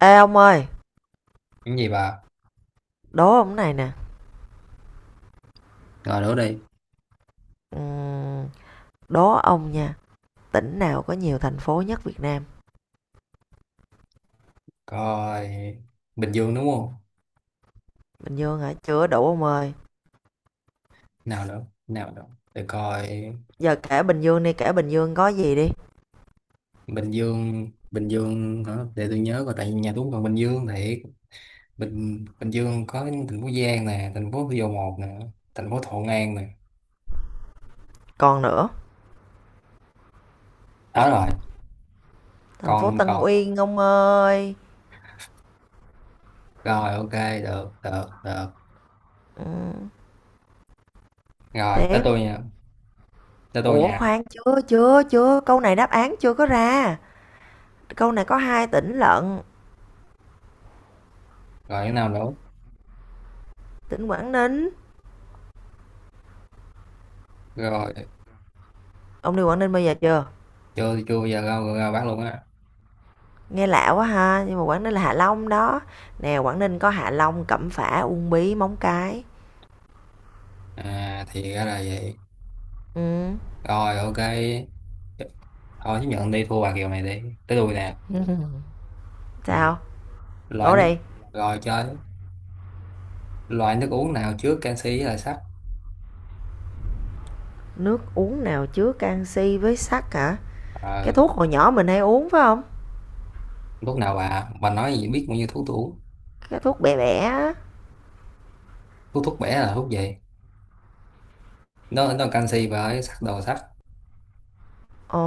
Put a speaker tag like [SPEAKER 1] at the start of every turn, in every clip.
[SPEAKER 1] Ê ông ơi,
[SPEAKER 2] Cái gì bà?
[SPEAKER 1] đố ông này nè.
[SPEAKER 2] Rồi đố đi.
[SPEAKER 1] Ừm, đố ông nha, tỉnh nào có nhiều thành phố nhất Việt Nam?
[SPEAKER 2] Coi Bình Dương đúng không?
[SPEAKER 1] Bình Dương hả? Chưa đủ ông ơi.
[SPEAKER 2] Nào nữa, nào nữa. Để coi
[SPEAKER 1] Giờ kể Bình Dương đi, kể Bình Dương có gì đi.
[SPEAKER 2] Bình Dương, Bình Dương hả? Để tôi nhớ coi tại vì nhà tôi cũng còn Bình Dương thì Bình Bình Dương có thành phố Giang nè, thành phố Thủ Dầu Một nè, thành phố Thuận An nè.
[SPEAKER 1] Còn nữa,
[SPEAKER 2] Đó rồi,
[SPEAKER 1] thành
[SPEAKER 2] còn
[SPEAKER 1] phố
[SPEAKER 2] năm
[SPEAKER 1] Tân
[SPEAKER 2] còn.
[SPEAKER 1] Uyên ông ơi.
[SPEAKER 2] Rồi ok, được, được, được.
[SPEAKER 1] Ừm,
[SPEAKER 2] Rồi, tới
[SPEAKER 1] tiếp.
[SPEAKER 2] tôi nha, tới tôi
[SPEAKER 1] Ủa
[SPEAKER 2] nha.
[SPEAKER 1] khoan, chưa, chưa, chưa. Câu này đáp án chưa có ra. Câu này có hai tỉnh lận.
[SPEAKER 2] Rồi cái nào nữa?
[SPEAKER 1] Tỉnh Quảng Ninh.
[SPEAKER 2] Rồi,
[SPEAKER 1] Ông đi Quảng Ninh bao giờ chưa?
[SPEAKER 2] chưa chưa bao giờ ra ra bác luôn á.
[SPEAKER 1] Nghe lạ quá ha, nhưng mà Quảng Ninh là Hạ Long đó. Nè, Quảng Ninh có Hạ Long, Cẩm Phả, Uông Bí, Móng Cái.
[SPEAKER 2] À thì ra là vậy. Rồi ok, thôi chứ nhận đi thua bà Kiều này đi tới đuôi nè,
[SPEAKER 1] Ừ.
[SPEAKER 2] ừ.
[SPEAKER 1] Sao?
[SPEAKER 2] Loại
[SPEAKER 1] Đổ
[SPEAKER 2] nước
[SPEAKER 1] đây,
[SPEAKER 2] rồi chơi, loại nước uống nào trước, canxi là sắt.
[SPEAKER 1] nước uống nào chứa canxi với sắt hả? Cái
[SPEAKER 2] Ờ,
[SPEAKER 1] thuốc hồi nhỏ mình hay uống phải không?
[SPEAKER 2] lúc nào bà nói gì, biết bao nhiêu thuốc tôi uống.
[SPEAKER 1] Cái thuốc bẻ bẻ.
[SPEAKER 2] Thuốc thuốc bẻ là thuốc gì? Nó là canxi và ấy sắt, đồ sắt.
[SPEAKER 1] Ồ,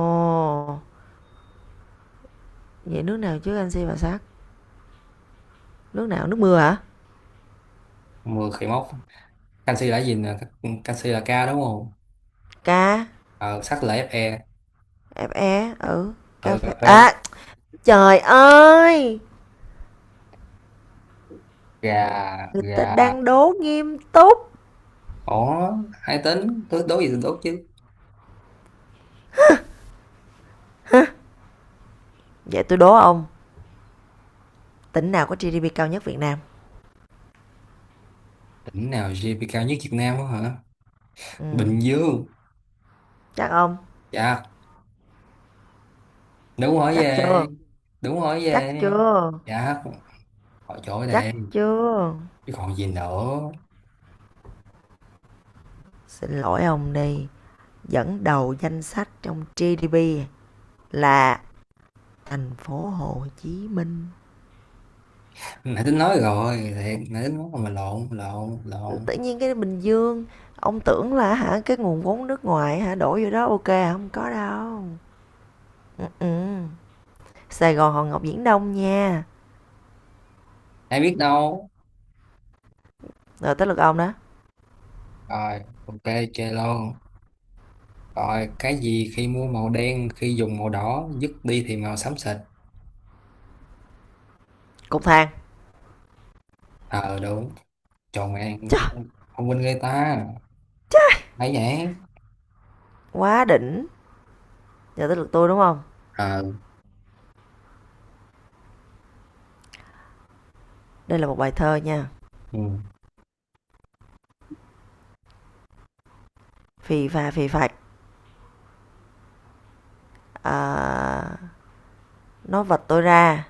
[SPEAKER 1] vậy nước nào chứa canxi và sắt? Nước nào? Nước mưa hả?
[SPEAKER 2] Mưa khỉ mốc. Canxi là gì nè, canxi là K đúng không?
[SPEAKER 1] Ca,
[SPEAKER 2] Ờ, sắt là Fe.
[SPEAKER 1] FE, ừ, cà
[SPEAKER 2] Ờ,
[SPEAKER 1] phê.
[SPEAKER 2] cà phê.
[SPEAKER 1] À, trời ơi,
[SPEAKER 2] Gà.
[SPEAKER 1] người ta
[SPEAKER 2] Gà.
[SPEAKER 1] đang đố nghiêm túc.
[SPEAKER 2] Ỏ. Hai tính tôi đố gì tôi đố chứ.
[SPEAKER 1] Vậy tôi đố ông, tỉnh nào có GDP cao nhất Việt Nam?
[SPEAKER 2] Tỉnh nào GDP cao nhất Việt Nam á hả?
[SPEAKER 1] Ừ,
[SPEAKER 2] Bình Dương.
[SPEAKER 1] chắc ông,
[SPEAKER 2] Dạ, đúng, hỏi
[SPEAKER 1] chắc
[SPEAKER 2] về,
[SPEAKER 1] chưa?
[SPEAKER 2] đúng hỏi
[SPEAKER 1] Chắc
[SPEAKER 2] về.
[SPEAKER 1] chưa?
[SPEAKER 2] Dạ, hỏi chỗ đây,
[SPEAKER 1] Chắc chưa?
[SPEAKER 2] chứ còn gì nữa.
[SPEAKER 1] Xin lỗi ông đi, dẫn đầu danh sách trong GDP là thành phố Hồ Chí Minh.
[SPEAKER 2] Nãy tính nói rồi, thiệt nãy tính nói mà lộn, lộn.
[SPEAKER 1] Tự nhiên cái Bình Dương ông tưởng là hả, cái nguồn vốn nước ngoài hả đổ vô đó ok hả? Không có đâu. Ừ, ừ. Sài Gòn Hòn Ngọc Viễn Đông nha,
[SPEAKER 2] Ai biết đâu.
[SPEAKER 1] rồi tới lượt ông đó.
[SPEAKER 2] Rồi ok, chơi luôn. Rồi, cái gì khi mua màu đen, khi dùng màu đỏ, dứt đi thì màu xám xịt?
[SPEAKER 1] Cục thang.
[SPEAKER 2] Ờ, đúng. Tròn mẹ.
[SPEAKER 1] Chà,
[SPEAKER 2] Thông minh người ta, thấy vậy.
[SPEAKER 1] quá đỉnh. Giờ tới lượt tôi đúng không,
[SPEAKER 2] Ờ.
[SPEAKER 1] đây là một bài thơ nha.
[SPEAKER 2] Ừ.
[SPEAKER 1] Phì phà phì phạch, à, nó vật tôi ra,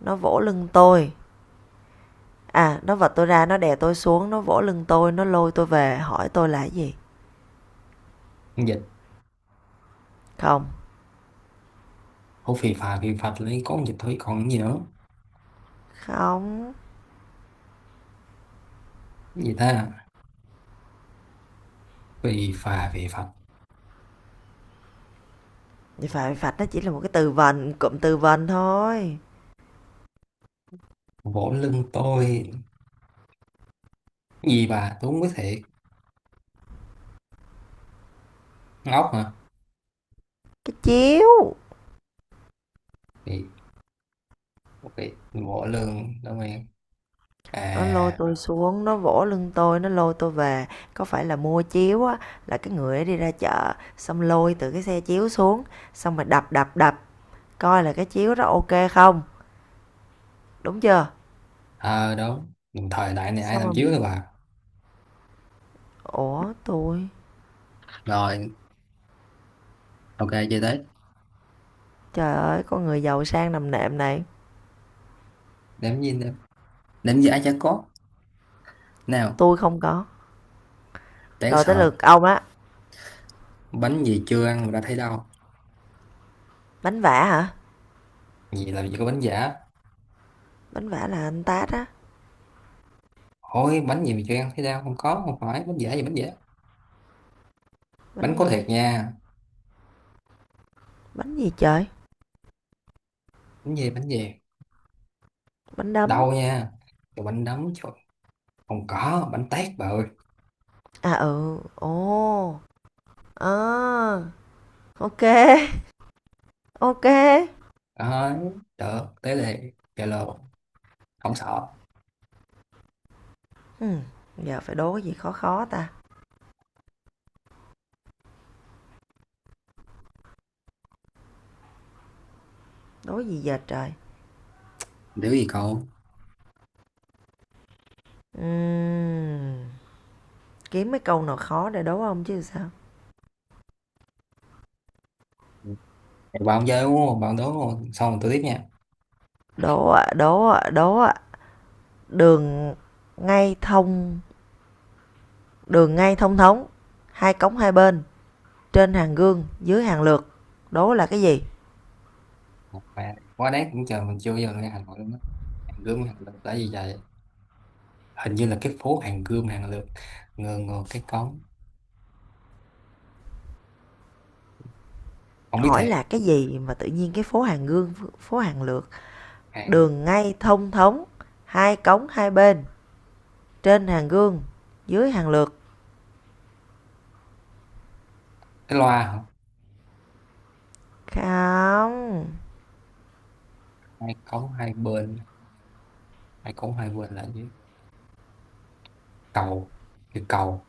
[SPEAKER 1] nó vỗ lưng tôi. À nó vật tôi ra, nó đè tôi xuống, nó vỗ lưng tôi, nó lôi tôi về, hỏi tôi là cái gì.
[SPEAKER 2] Con dịch.
[SPEAKER 1] Không,
[SPEAKER 2] Ô, phì phà phì phạch lấy con dịch thôi, còn cái gì nữa?
[SPEAKER 1] không.
[SPEAKER 2] Cái gì ta? Phì phà phì phạch,
[SPEAKER 1] Vậy phải phạt nó chỉ là một cái từ vần, cụm từ vần thôi.
[SPEAKER 2] vỗ lưng tôi. Cái gì bà, tôi không biết thiệt. Ngốc hả?
[SPEAKER 1] Cái chiếu,
[SPEAKER 2] Thì ok, bộ lương đúng em.
[SPEAKER 1] nó lôi
[SPEAKER 2] À.
[SPEAKER 1] tôi xuống, nó vỗ lưng tôi, nó lôi tôi về. Có phải là mua chiếu á, là cái người ấy đi ra chợ, xong lôi từ cái xe chiếu xuống, xong rồi đập đập đập, coi là cái chiếu đó ok không, đúng chưa?
[SPEAKER 2] Ờ đúng. Đồng thời đại này ai
[SPEAKER 1] Xong
[SPEAKER 2] làm chiếu
[SPEAKER 1] rồi,
[SPEAKER 2] rồi bà.
[SPEAKER 1] ủa tôi,
[SPEAKER 2] Rồi ok, chơi tới.
[SPEAKER 1] trời ơi, con người giàu sang nằm nệm này,
[SPEAKER 2] Đếm gì nữa, đếm giả chả có. Nào.
[SPEAKER 1] tôi không có.
[SPEAKER 2] Đáng
[SPEAKER 1] Rồi tới
[SPEAKER 2] sợ.
[SPEAKER 1] lượt ông á,
[SPEAKER 2] Bánh gì chưa ăn mà đã thấy đau?
[SPEAKER 1] bánh vả hả?
[SPEAKER 2] Gì, làm gì có bánh giả.
[SPEAKER 1] Bánh vả là anh tát á,
[SPEAKER 2] Ôi, bánh gì mà chưa ăn thấy đau, không có, không phải bánh giả gì bánh giả. Bánh
[SPEAKER 1] bánh
[SPEAKER 2] có
[SPEAKER 1] gì?
[SPEAKER 2] thiệt nha.
[SPEAKER 1] Bánh gì trời?
[SPEAKER 2] Bánh gì, bánh gì?
[SPEAKER 1] Bánh đấm.
[SPEAKER 2] Đau nha. Trời, bánh đấm trời. Không có bánh tét bà ơi.
[SPEAKER 1] À, ừ, ồ, à, ok ok, ô.
[SPEAKER 2] Đấy, được tới đây Zalo, không sợ.
[SPEAKER 1] Giờ phải đố cái gì khó khó ta? Đố gì giờ trời?
[SPEAKER 2] Nếu gì cậu.
[SPEAKER 1] Ừm, kiếm mấy câu nào khó để đố ông chứ sao?
[SPEAKER 2] Thì bạn chơi đúng không? Bạn đố luôn. Xong rồi tôi tiếp nha.
[SPEAKER 1] Đố ạ, đố ạ, đố ạ. Đường ngay thông, đường ngay thông thống, hai cống hai bên, trên hàng gương, dưới hàng lược. Đố là cái gì?
[SPEAKER 2] Mẹ, quá đáng, cũng chờ mình chưa bao giờ nghe Hà Nội luôn á. Hàng gươm hàng lược tại vì vậy. Hình như là cái phố hàng gươm hàng lược. Ngờ ngờ cái cống. Không biết
[SPEAKER 1] Hỏi
[SPEAKER 2] thiệt.
[SPEAKER 1] là cái gì mà tự nhiên cái phố hàng gương, phố hàng lược,
[SPEAKER 2] Hàng
[SPEAKER 1] đường ngay thông thống, hai cống hai bên, trên hàng gương, dưới hàng lược.
[SPEAKER 2] cái loa hả?
[SPEAKER 1] Không,
[SPEAKER 2] Hai cống hai bên. Hai cống hai bên là gì? Cầu. Cái cầu.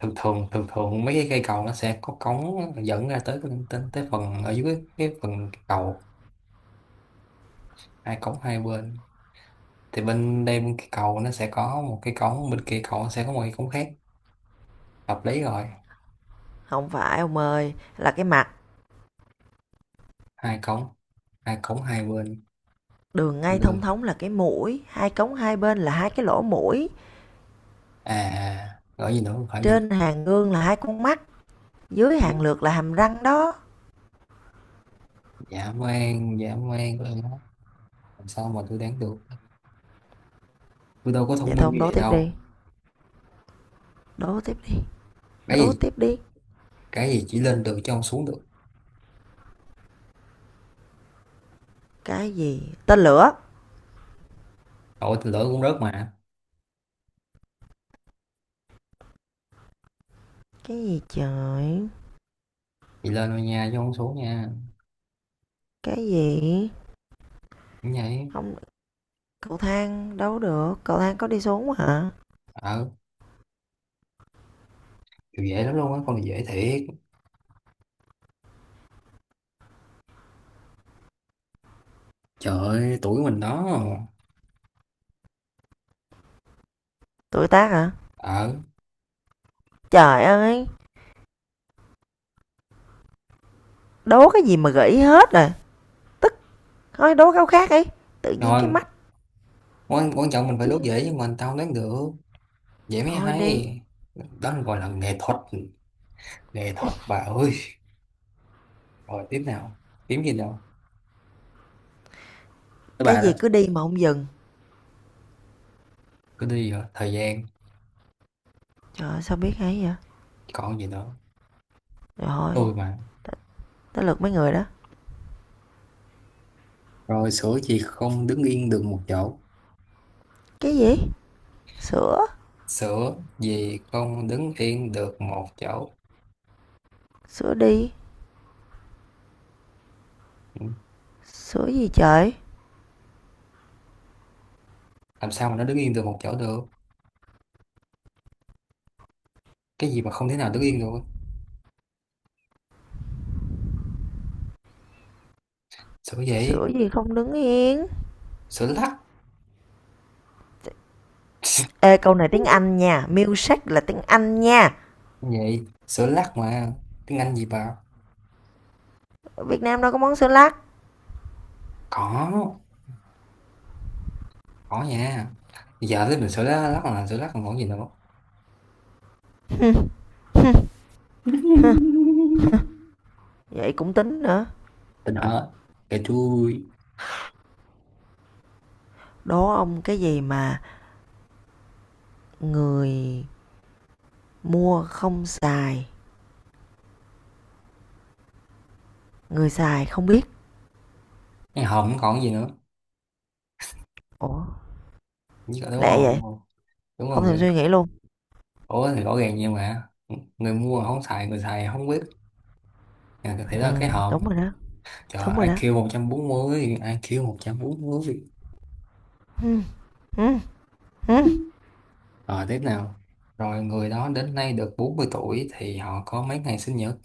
[SPEAKER 2] Thường thường mấy cái cây cầu nó sẽ có cống dẫn ra tới cái tới, tới phần ở dưới cái phần cầu. Hai cống hai bên. Thì bên đây bên cái cầu nó sẽ có một cái cống, bên kia cầu nó sẽ có một cái cống khác, hợp lý rồi.
[SPEAKER 1] không phải ông ơi, là cái mặt.
[SPEAKER 2] Hai cống, hai hai bên.
[SPEAKER 1] Đường ngay thông
[SPEAKER 2] Lương.
[SPEAKER 1] thống là cái mũi, hai cống hai bên là hai cái lỗ mũi.
[SPEAKER 2] À gọi gì nữa, không phải gì nữa.
[SPEAKER 1] Trên hàng gương là hai con mắt, dưới
[SPEAKER 2] Dạ.
[SPEAKER 1] hàng lược là hàm răng đó.
[SPEAKER 2] Dã man, dã man của em, làm sao mà tôi đoán được, tôi đâu có thông
[SPEAKER 1] Vậy thôi
[SPEAKER 2] minh
[SPEAKER 1] ông
[SPEAKER 2] như
[SPEAKER 1] đố
[SPEAKER 2] vậy
[SPEAKER 1] tiếp đi,
[SPEAKER 2] đâu.
[SPEAKER 1] đố tiếp đi,
[SPEAKER 2] Cái
[SPEAKER 1] đố
[SPEAKER 2] gì?
[SPEAKER 1] tiếp đi.
[SPEAKER 2] Cái gì chỉ lên được chứ không xuống được?
[SPEAKER 1] Cái gì? Tên lửa.
[SPEAKER 2] Tội thì lỡ cũng rớt mà.
[SPEAKER 1] Cái gì trời?
[SPEAKER 2] Chị lên thôi nha chứ không xuống nha.
[SPEAKER 1] Cái gì?
[SPEAKER 2] Cũng vậy.
[SPEAKER 1] Không, cậu thang đấu được, cậu thang có đi xuống hả?
[SPEAKER 2] Ờ, kiểu dễ lắm luôn á, con này dễ thiệt. Trời ơi, tuổi mình đó.
[SPEAKER 1] Tuổi tác hả?
[SPEAKER 2] Ờ.
[SPEAKER 1] Trời ơi, đố cái gì mà gãy hết rồi. Thôi đố câu khác đi. Tự nhiên cái
[SPEAKER 2] Rồi
[SPEAKER 1] mắt
[SPEAKER 2] quan, quan trọng mình phải đốt
[SPEAKER 1] chứ.
[SPEAKER 2] dễ nhưng mà tao đoán được. Dễ mới
[SPEAKER 1] Thôi đi.
[SPEAKER 2] hay. Đó là gọi là nghệ thuật, nghệ thuật bà ơi. Rồi tiếp nào, kiếm gì đâu, các
[SPEAKER 1] Cái
[SPEAKER 2] bạn đó.
[SPEAKER 1] gì cứ đi mà không dừng.
[SPEAKER 2] Cứ đi, rồi thời gian.
[SPEAKER 1] Trời ơi, sao biết hay vậy?
[SPEAKER 2] Còn gì nữa,
[SPEAKER 1] Rồi,
[SPEAKER 2] tôi mà.
[SPEAKER 1] t- tới lượt mấy người đó.
[SPEAKER 2] Rồi, sữa gì không đứng yên được một chỗ?
[SPEAKER 1] Cái gì? Sữa.
[SPEAKER 2] Sữa gì không đứng yên được một chỗ?
[SPEAKER 1] Sữa đi.
[SPEAKER 2] Ừ,
[SPEAKER 1] Sữa gì trời?
[SPEAKER 2] làm sao mà nó đứng yên được một chỗ được. Cái gì mà không thể nào đứng yên được? Sữa gì?
[SPEAKER 1] Sữa gì không đứng yên?
[SPEAKER 2] Sữa lắc.
[SPEAKER 1] Ê, câu này tiếng Anh nha. Milkshake là tiếng Anh nha.
[SPEAKER 2] Vậy sữa lắc mà, tiếng Anh gì bà.
[SPEAKER 1] Ở Việt Nam đâu có món sữa lắc.
[SPEAKER 2] có có nha. Giờ tới mình, sữa lắc, lắc là sữa lắc, còn còn gì nữa.
[SPEAKER 1] Vậy cũng tính nữa.
[SPEAKER 2] Tình hả? Kệ chui.
[SPEAKER 1] Đố ông cái gì mà người mua không xài, người xài không biết.
[SPEAKER 2] Cái hồn còn gì nữa.
[SPEAKER 1] Ủa,
[SPEAKER 2] Dạ, đúng rồi,
[SPEAKER 1] lẹ vậy?
[SPEAKER 2] đúng rồi. Đúng rồi
[SPEAKER 1] Không thèm
[SPEAKER 2] người.
[SPEAKER 1] suy nghĩ luôn.
[SPEAKER 2] Ủa thì rõ ràng vậy mà, người mua không xài, người xài không biết. À, thế là
[SPEAKER 1] Ừ,
[SPEAKER 2] cái hòm.
[SPEAKER 1] đúng rồi đó.
[SPEAKER 2] Trời,
[SPEAKER 1] Đúng rồi đó.
[SPEAKER 2] IQ 140, IQ 140.
[SPEAKER 1] Ừm, ừm, ừm.
[SPEAKER 2] Rồi tiếp nào. Rồi, người đó đến nay được 40 tuổi thì họ có mấy ngày sinh nhật?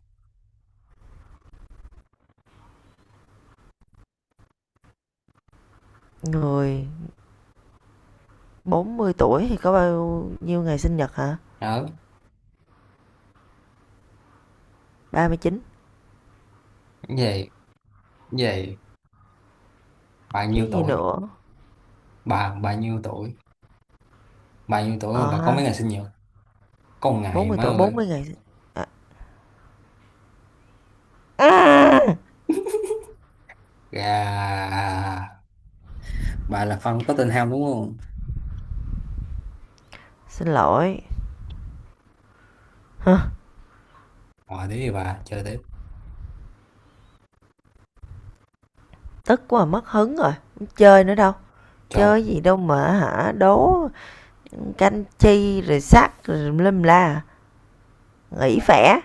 [SPEAKER 1] Người 40 tuổi thì có bao nhiêu ngày sinh nhật hả?
[SPEAKER 2] Đó.
[SPEAKER 1] 39
[SPEAKER 2] Về, về. Bà
[SPEAKER 1] chứ
[SPEAKER 2] nhiêu
[SPEAKER 1] gì
[SPEAKER 2] tuổi?
[SPEAKER 1] nữa.
[SPEAKER 2] Bà nhiêu tuổi, bà nhiêu tuổi mà
[SPEAKER 1] Ờ
[SPEAKER 2] bà có
[SPEAKER 1] ha,
[SPEAKER 2] mấy ngày sinh nhật? Có một
[SPEAKER 1] bốn
[SPEAKER 2] ngày
[SPEAKER 1] mươi
[SPEAKER 2] má
[SPEAKER 1] tuổi bốn
[SPEAKER 2] ơi.
[SPEAKER 1] mươi ngày sinh à, ừm,
[SPEAKER 2] Gà. Bà là fan Tottenham đúng không?
[SPEAKER 1] xin lỗi. Hơ,
[SPEAKER 2] Rồi thế thì bà chơi tiếp.
[SPEAKER 1] tức quá mất hứng rồi, hông chơi nữa đâu.
[SPEAKER 2] Cho.
[SPEAKER 1] Chơi gì đâu mà hả, đố canh chi rồi sắc rồi tùm la, nghỉ phẻ,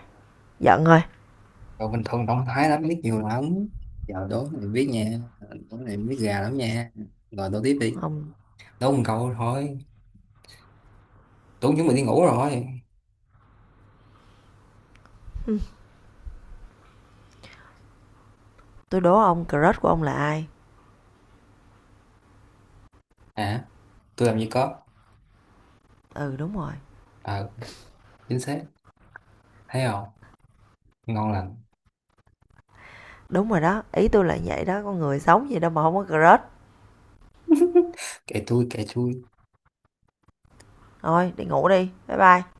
[SPEAKER 1] giận rồi.
[SPEAKER 2] Rồi bình thường động thái lắm, biết nhiều lắm, giờ đố này biết nha. Ờ, đố này biết gà lắm nha. Rồi đố tiếp đi,
[SPEAKER 1] Ông,
[SPEAKER 2] đố một câu thôi, tưởng chúng mình đi ngủ rồi.
[SPEAKER 1] tôi đố ông crush của ông là ai?
[SPEAKER 2] Hả? Tôi làm gì có.
[SPEAKER 1] Ừ,
[SPEAKER 2] Ờ, chính xác, thấy không, ngon lành.
[SPEAKER 1] đúng rồi đó, ý tôi là vậy đó, con người sống gì đâu mà không có crush.
[SPEAKER 2] Kệ tôi, kệ tôi.
[SPEAKER 1] Thôi đi ngủ đi, bye bye.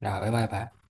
[SPEAKER 2] Rồi bye bye bà.